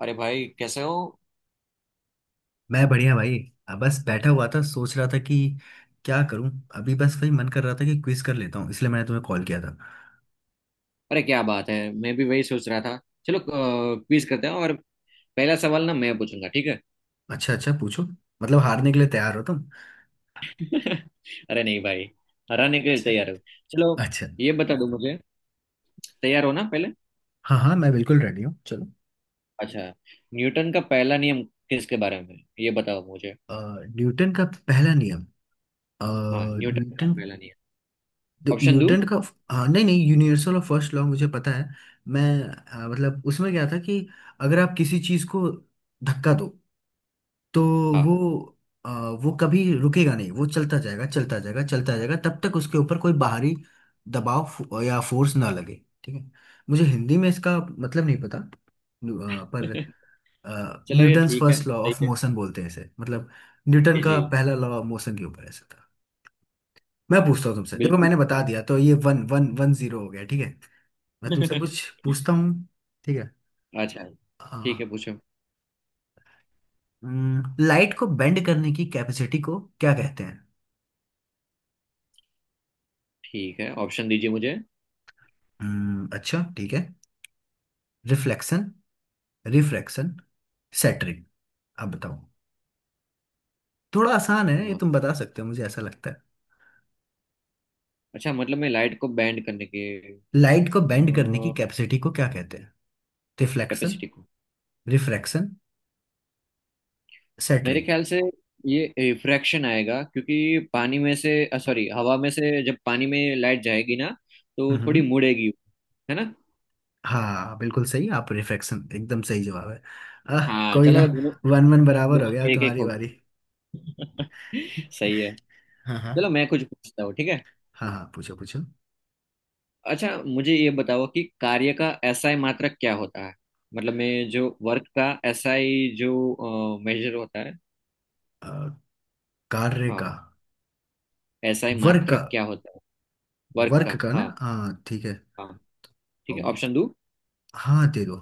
अरे भाई कैसे हो। मैं बढ़िया भाई। अब बस बैठा हुआ था सोच रहा था कि क्या करूं। अभी बस वही मन कर रहा था कि क्विज कर लेता हूं, इसलिए मैंने तुम्हें कॉल किया था। अरे क्या बात है। मैं भी वही सोच रहा था। चलो क्विज करते हैं और पहला सवाल ना मैं पूछूंगा, ठीक है। अच्छा अच्छा, पूछो। मतलब हारने के लिए तैयार हो तुम? अरे नहीं भाई, हराने के लिए अच्छा। तैयार हो। चलो, अच्छा। ये बता दो मुझे, तैयार हो ना पहले। हाँ हाँ, मैं बिल्कुल रेडी हूँ, चलो। अच्छा, न्यूटन का पहला नियम किसके बारे में है? ये बताओ मुझे। अ, न्यूटन का पहला नियम। अ, हाँ, न्यूटन का न्यूटन, पहला नियम। ऑप्शन दो। न्यूटन का। हाँ, नहीं नहीं, यूनिवर्सल और फर्स्ट लॉ मुझे पता है। मैं मतलब उसमें क्या था कि अगर आप किसी चीज को धक्का दो तो वो हाँ। अ, वो कभी रुकेगा नहीं, वो चलता जाएगा चलता जाएगा चलता जाएगा तब तक उसके ऊपर कोई बाहरी दबाव या फोर्स ना लगे। ठीक है। मुझे हिंदी में इसका मतलब नहीं पता। पर चलो ये न्यूटन्स ठीक है, फर्स्ट लॉ सही ऑफ है। मोशन बोलते हैं इसे। मतलब न्यूटन जी का जी, पहला लॉ ऑफ मोशन के ऊपर ऐसा था। मैं पूछता हूँ तुमसे, देखो बिल्कुल मैंने बता सही दिया, तो ये 1-1-1-0 हो गया। ठीक है। मैं तुमसे है। कुछ पूछता हूँ। ठीक है। अच्छा, ठीक है पूछो। लाइट को बेंड करने की कैपेसिटी को क्या कहते हैं? ठीक है ऑप्शन दीजिए मुझे। अच्छा ठीक है। रिफ्लेक्शन। रिफ्रैक्शन। सैटरिंग। अब बताओ। थोड़ा आसान है ये, हाँ, तुम बता सकते हो मुझे ऐसा लगता है। अच्छा मतलब मैं लाइट को बैंड करने के लाइट को बेंड करने की कैपेसिटी को क्या कहते हैं? रिफ्लेक्शन। कैपेसिटी को, रिफ्रैक्शन। मेरे सैटरिंग। ख्याल से ये रिफ्रैक्शन आएगा क्योंकि पानी में से, सॉरी, हवा में से जब पानी में लाइट जाएगी ना तो थोड़ी हम्म। मुड़ेगी, है ना। हाँ बिल्कुल सही, आप रिफ्रैक्शन एकदम सही जवाब है। आह। हाँ कोई ना। चलो, दोनों, 1-1 बराबर हो दोनों गया, का एक एक तुम्हारी हो बारी। गया। सही है। हाँ हाँ। चलो मैं कुछ पूछता हूँ, ठीक है। हाँ हाँ, पूछो पूछो। अच्छा मुझे ये बताओ कि कार्य का एसआई मात्रक क्या होता है। मतलब मैं जो वर्क का एसआई जो मेजर होता है। अ, कार्य का। हाँ, एसआई वर्क का। मात्रक क्या होता है। वर्क का, वर्क का हाँ ना, हाँ ठीक है। हाँ अ, ठीक है। ऑप्शन दो। हाँ, दे दो।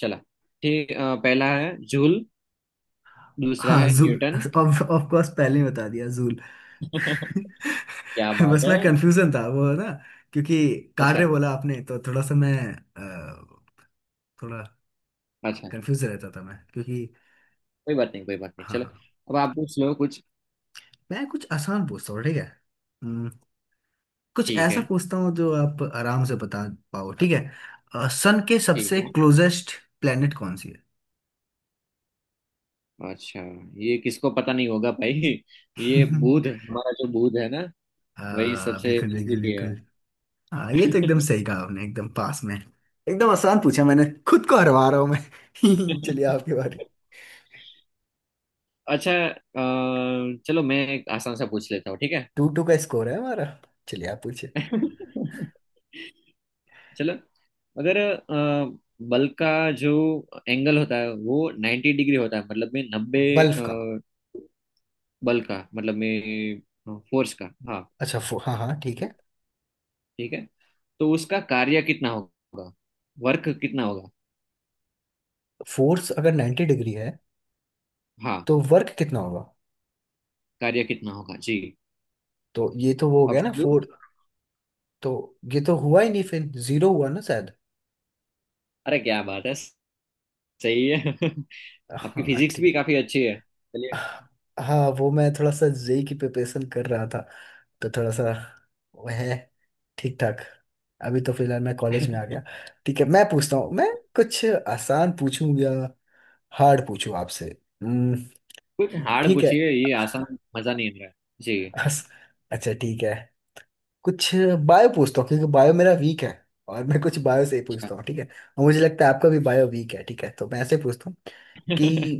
चला। ठीक, पहला है जूल, दूसरा हाँ, है joule. Newton. Of of course पहले ही बता दिया, जूल। क्या बात बस है। मैं कंफ्यूजन था वो ना। क्योंकि अच्छा, कार्य बोला आपने तो थोड़ा सा मैं अ, थोड़ा अच्छा, कंफ्यूज रहता था मैं, क्योंकि। कोई बात नहीं कोई बात नहीं, हाँ चलो हाँ। अब आप ठीक। पूछ लो कुछ। मैं कुछ आसान पूछता हूँ, ठीक है। हम्म, कुछ ठीक ऐसा है, पूछता हूँ जो आप आराम से बता पाओ। ठीक है। सन के ठीक सबसे है। क्लोजेस्ट प्लेनेट कौन सी है? अच्छा, ये किसको पता नहीं होगा भाई। ये बुध, हमारा जो बुध है ना अ, वही सबसे बिल्कुल बिल्कुल नजदीकी है। बिल्कुल। हाँ, ये तो एकदम सही कहा आपने, एकदम पास में एकदम आसान पूछा, मैंने खुद को हरवा रहा हूँ मैं। चलिए, आपकी बारी। अच्छा, चलो मैं एक आसान सा पूछ लेता हूँ, ठीक है। 2-2 का स्कोर है हमारा। चलिए, आप पूछिए। चलो, मगर बल का जो एंगल होता है वो 90 डिग्री होता है, मतलब में नब्बे, बल्ब का। बल का मतलब में फोर्स का। हाँ, अच्छा, हाँ हाँ ठीक है। ठीक है, तो उसका कार्य कितना होगा, वर्क कितना होगा। फोर्स अगर 90 डिग्री है हाँ, तो वर्क कितना होगा? कार्य कितना होगा जी। तो ये तो वो हो गया ना, ऑप्शन दो। फोर। तो ये तो हुआ ही नहीं फिर। जीरो हुआ ना शायद। अरे क्या बात है, सही है। आपकी हाँ फिजिक्स भी ठीक। काफी अच्छी है, चलिए। हाँ, वो मैं थोड़ा सा जेई की प्रिपरेशन कर रहा था, तो थोड़ा सा वो है ठीक ठाक। अभी तो फिलहाल मैं कॉलेज में आ गया। ठीक है, मैं पूछता हूँ मैं। कुछ आसान पूछूं या हार्ड पूछूं आपसे? हम्म, कुछ हार्ड ठीक है। पूछिए, ये आसान मजा नहीं आ रहा है। अस- अच्छा ठीक है। कुछ बायो पूछता हूँ, क्योंकि बायो मेरा वीक है, और मैं कुछ बायो से ही पूछता हूँ, ठीक है। और मुझे लगता है आपका भी बायो वीक है, ठीक है, तो मैं ऐसे पूछता हूँ जी। कि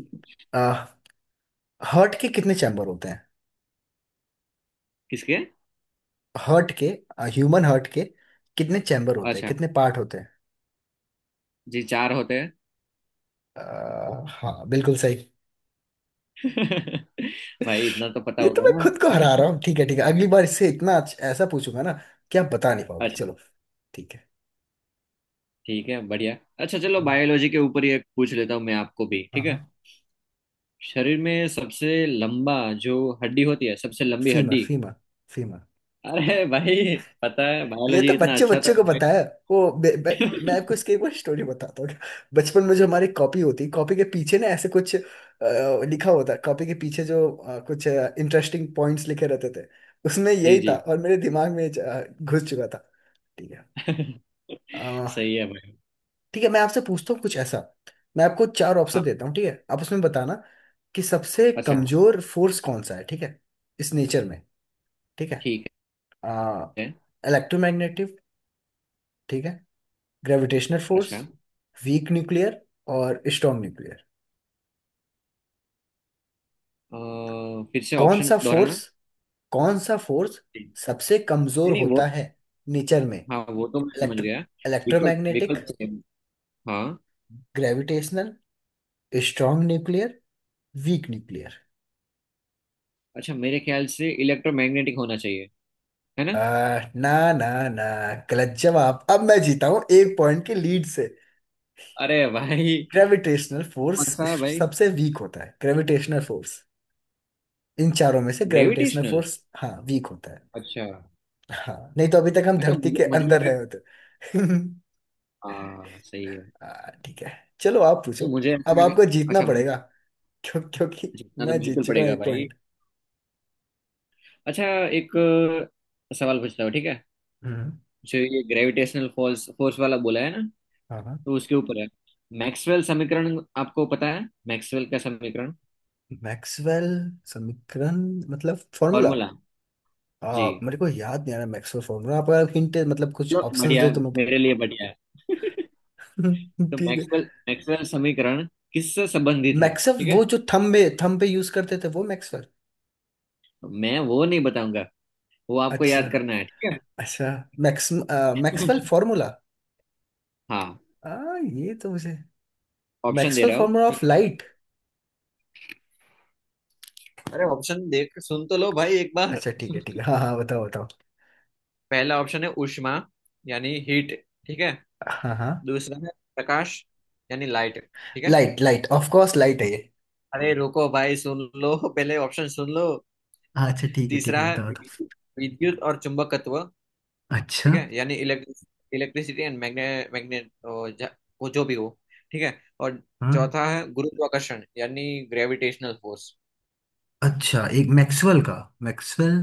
हार्ट के कितने चैम्बर होते हैं? किसके? हर्ट के। ह्यूमन हर्ट के कितने चैम्बर होते हैं, अच्छा, कितने पार्ट होते हैं? जी चार होते हैं। हाँ, बिल्कुल सही। भाई इतना तो पता ये तो मैं होगा खुद को हरा रहा ना। हूँ, ठीक है ठीक है, अगली बार इससे इतना ऐसा पूछूंगा ना कि आप बता नहीं पाओगे, अच्छा, चलो। ठीक है। ठीक है, बढ़िया, अच्छा चलो हम्म। बायोलॉजी के ऊपर ही एक पूछ लेता हूँ मैं आपको भी, हाँ ठीक है। हाँ। शरीर में सबसे लंबा जो हड्डी होती है, सबसे लंबी फीमर, हड्डी। फीमर। फीमर। अरे भाई, पता है ये बायोलॉजी तो इतना बच्चे अच्छा था बच्चे को भाई। पता है। वो बे- बे- मैं आपको इसकी एक बार स्टोरी बताता हूँ। बचपन में जो हमारी कॉपी होती, कॉपी के पीछे ना ऐसे कुछ लिखा होता, कॉपी के पीछे जो कुछ इंटरेस्टिंग पॉइंट्स लिखे रहते थे। उसमें जी यही था जी। और मेरे दिमाग में घुस चुका था। ठीक है। अ, सही है भाई। ठीक है, मैं आपसे पूछता हूँ कुछ ऐसा। मैं आपको चार ऑप्शन हाँ, देता हूँ, ठीक है, आप उसमें बताना कि सबसे अच्छा, कमजोर फोर्स कौन सा है, ठीक है, इस नेचर में। ठीक है। ठीक है। इलेक्ट्रोमैग्नेटिव। ठीक है। Gravitational force. अच्छा, वीक न्यूक्लियर। और स्ट्रॉन्ग न्यूक्लियर। अ, फिर से कौन ऑप्शन सा फोर्स दोहराना। कौन सा फोर्स नहीं, सबसे कमजोर नहीं वो। होता है नेचर में? हाँ, वो तो मैं समझ इलेक्ट्रो गया। विकल्प इलेक्ट्रोमैग्नेटिक। विकल्प। हाँ। Gravitational. Strong nuclear. Weak nuclear. अच्छा मेरे ख्याल से इलेक्ट्रोमैग्नेटिक होना चाहिए, है ना। आ, ना ना ना, गलत जवाब, अब मैं जीता हूँ एक पॉइंट के लीड से। अरे भाई, ग्रेविटेशनल फोर्स कौन सा भाई। सबसे वीक होता है। ग्रेविटेशनल फोर्स, इन चारों में से ग्रेविटेशनल ग्रेविटेशनल, फोर्स हाँ वीक होता है। अच्छा। हाँ, नहीं तो अभी तक हम अच्छा धरती मुझे, के मुझे अंदर लगा। है तो। हाँ सही है। ठीक है, चलो आप पूछो। नहीं, मुझे ऐसा अब लगा। आपको जीतना अच्छा मुझे, पड़ेगा, क्यों? क्योंकि जीतना तो मैं जीत बिल्कुल चुका हूँ पड़ेगा एक भाई। पॉइंट। अच्छा, एक सवाल पूछता हूँ ठीक है। हम्म। जो ये ग्रेविटेशनल फोर्स फोर्स वाला बोला है ना, हाँ हाँ। तो उसके ऊपर है मैक्सवेल समीकरण। आपको पता है मैक्सवेल का समीकरण, मैक्सवेल समीकरण मतलब फॉर्मूला। फॉर्मूला। जी, मेरे को याद नहीं आ रहा मैक्सवेल फॉर्मूला, आप अगर हिंट मतलब कुछ चलो ऑप्शंस बढ़िया, दे तो मैं। मेरे लिए बढ़िया है। तो ठीक है। मैक्सवेल मैक्सवेल समीकरण किससे संबंधित है, मैक्सवेल, ठीक वो है। जो थंब में थंब पे यूज करते थे, वो मैक्सवेल। मैं वो नहीं बताऊंगा, वो आपको अच्छा। याद करना है, ठीक है। अच्छा। Max Maxwell formula. हाँ, आ, ये तो मुझे ऑप्शन दे मैक्सवेल रहा हूँ फॉर्मूला ऑफ ठीक लाइट। है। अरे ऑप्शन देख, सुन तो लो भाई एक बार। अच्छा ठीक है ठीक है, हाँ हाँ, बताओ बताओ। पहला ऑप्शन है ऊष्मा, यानी हीट, ठीक है। हाँ हाँ। दूसरा है प्रकाश, यानी लाइट, ठीक है। Light light of course light है। अरे रुको भाई, सुन लो पहले, ऑप्शन सुन लो। अच्छा ठीक है ठीक तीसरा है, है बताओ। विद्युत और चुंबकत्व, बताओ। अच्छा। ठीक है, यानी electric, electricity and magnet, magnet, वो जो भी हो, ठीक है। और हाँ। चौथा है गुरुत्वाकर्षण, यानी ग्रेविटेशनल फोर्स। अच्छा, एक मैक्सवेल का मैक्सवेल।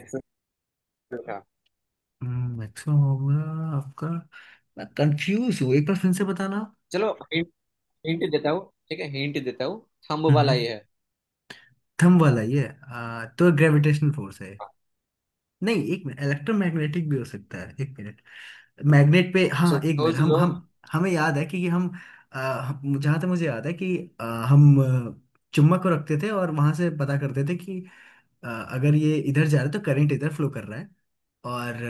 एक्सेल था। मैक्सवेल होगा आपका। मैं कंफ्यूज हूँ, एक बार फिर से बताना। चलो हिंट, हिंट देता हूँ ठीक है, हिंट देता हूँ। थंब वाला हम्म। ये है। थंब वाला ये तो ग्रेविटेशनल फोर्स है। हाँ, नहीं, एक मिनट, इलेक्ट्रोमैग्नेटिक भी हो सकता है, एक मिनट। मैग्नेट पे हाँ, एक मिनट, सोच हम लो। हम। हमें याद है कि हम, जहाँ तक मुझे याद है कि हम चुम्बक को रखते थे और वहां से पता करते थे कि अगर ये इधर जा रहा है तो करंट इधर फ्लो कर रहा है, और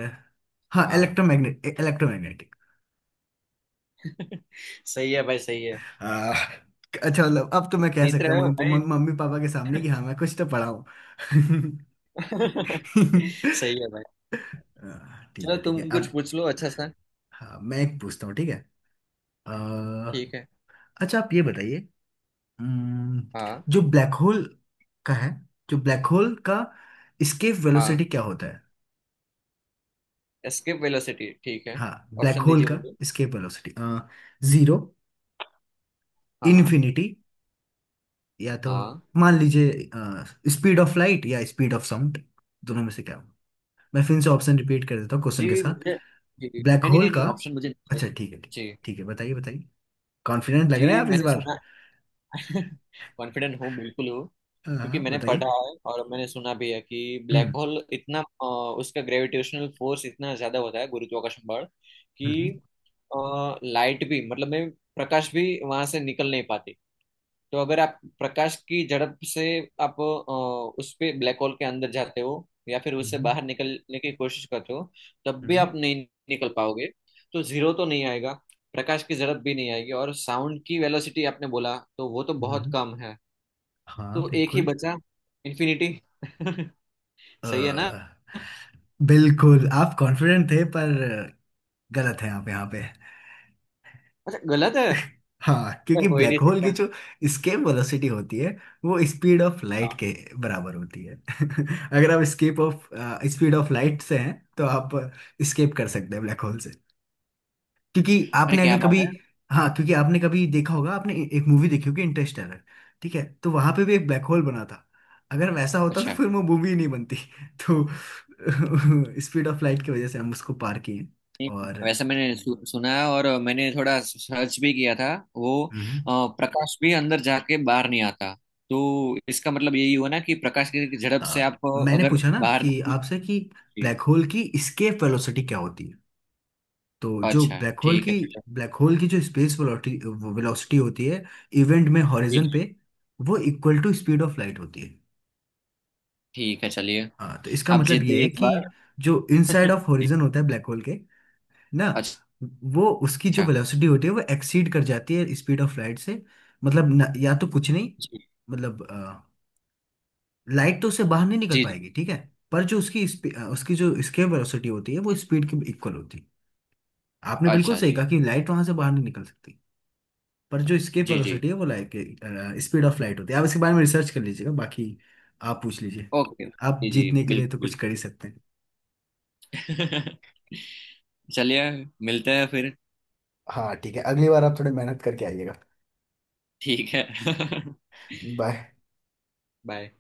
हाँ, हाँ। इलेक्ट्रोमैग्नेटिक। सही है भाई, सही है। आ, अच्छा मतलब अब तो मैं कह जीत सकता हूँ रहे हो मम्मी भाई। मम्मी मम्मी पापा के सामने कि हाँ मैं कुछ तो पढ़ा हूँ। सही है भाई। ठीक चलो है ठीक तुम है, अब। कुछ पूछ लो अच्छा सा। हाँ, मैं एक पूछता हूँ, ठीक है। अ, ठीक है। अच्छा, आप ये बताइए। अम्म, हाँ जो ब्लैक होल का है, जो ब्लैक होल का एस्केप वेलोसिटी हाँ। क्या होता है? एस्केप वेलोसिटी, ठीक है। हाँ, ब्लैक ऑप्शन होल दीजिए का मुझे। एस्केप वेलोसिटी जीरो, हाँ। इन्फिनिटी, या तो हाँ। मान लीजिए स्पीड ऑफ लाइट या स्पीड ऑफ साउंड, दोनों में से क्या होगा? मैं फिर से ऑप्शन रिपीट कर देता हूँ क्वेश्चन के जी साथ। मुझे, जी जी। ब्लैक नहीं नहीं होल नहीं का। नहीं, ऑप्शन मुझे नहीं अच्छा ठीक है, ठीक। चाहिए। ठीक है, बताइए बताइए। कॉन्फिडेंट जी लग रहे जी, हैं आप इस मैंने बार। सुना। कॉन्फिडेंट हूँ, बिल्कुल हूँ। हाँ क्योंकि हाँ, मैंने पढ़ा बताइए। है और मैंने सुना भी है कि ब्लैक हम्म, होल इतना उसका ग्रेविटेशनल फोर्स इतना ज्यादा होता है, गुरुत्वाकर्षण बल, हम्म, कि लाइट भी मतलब में प्रकाश भी वहां से निकल नहीं पाती। तो अगर आप प्रकाश की झड़प से आप उस पे ब्लैक होल के अंदर जाते हो या फिर उससे हम्म, बाहर निकलने की कोशिश करते हो, तब भी हम्म, आप नहीं निकल पाओगे। तो जीरो तो नहीं आएगा, प्रकाश की झड़प भी नहीं आएगी, और साउंड की वेलोसिटी आपने बोला तो वो तो हम्म, बहुत हम्म, कम है। हाँ तो एक ही बिल्कुल। बचा, इन्फिनिटी। सही है ना। अ, बिल्कुल आप कॉन्फिडेंट थे पर गलत है आप यहाँ पे। अच्छा गलत है, हाँ, तो क्योंकि हो ही ब्लैक नहीं होल की सकता। जो स्केप वेलोसिटी होती है वो स्पीड ऑफ हाँ, लाइट के बराबर होती है। अगर आप escape of speed of light से हैं तो आप स्केप कर सकते हैं ब्लैक होल से, क्योंकि अरे आपने क्या अगर बात कभी। है। हाँ, क्योंकि आपने कभी देखा होगा, आपने एक मूवी देखी होगी इंटरस्टेलर। ठीक है, तो वहां पे भी एक ब्लैक होल बना था। अगर वैसा होता तो अच्छा, फिर वो मूवी ही नहीं बनती, तो स्पीड ऑफ लाइट की वजह से हम उसको पार किए नहीं, और। वैसे मैंने सु, सुना है और मैंने थोड़ा सर्च भी किया था। वो हम्म। प्रकाश भी अंदर जाके बाहर नहीं आता, तो इसका मतलब यही हुआ ना कि प्रकाश की झड़प से आप मैंने अगर पूछा ना बाहर कि नहीं। आपसे कि जी। ब्लैक होल की एस्केप वेलोसिटी क्या होती है? तो जो अच्छा ब्लैक होल ठीक है की चलो, ब्लैक होल की जो स्पेस वेलोसिटी वेलोसिटी होती है इवेंट में ठीक हॉरिजन है, पे, वो equal to speed of light होती है। ठीक है चलिए, हाँ, तो इसका आप मतलब जीत ये गए है इस कि बार। जो इनसाइड ऑफ जी, हॉरिजन होता है ब्लैक होल के ना, अच्छा वो उसकी जो वेलोसिटी होती है वो एक्सीड कर जाती है स्पीड ऑफ लाइट से। मतलब न, या तो कुछ नहीं, जी मतलब लाइट तो उससे बाहर नहीं निकल जी। जी, पाएगी, ठीक है। पर जो उसकी उसकी जो स्केप वेलोसिटी होती है वो स्पीड के इक्वल होती है। आपने बिल्कुल अच्छा सही जी कहा कि लाइट वहां से बाहर नहीं निकल सकती। पर जो स्केप जी। जी वेलोसिटी है वो लाइट के स्पीड ऑफ लाइट होती है, आप इसके बारे में रिसर्च कर लीजिएगा, बाकी आप पूछ लीजिए। ओके, आप जी जी जीतने के लिए तो बिल्कुल, कुछ कर ही सकते हैं। बिल्कुल। चलिए, मिलते हैं फिर। हाँ ठीक है, अगली बार आप थोड़ी मेहनत करके आइएगा। ठीक है। बाय। बाय।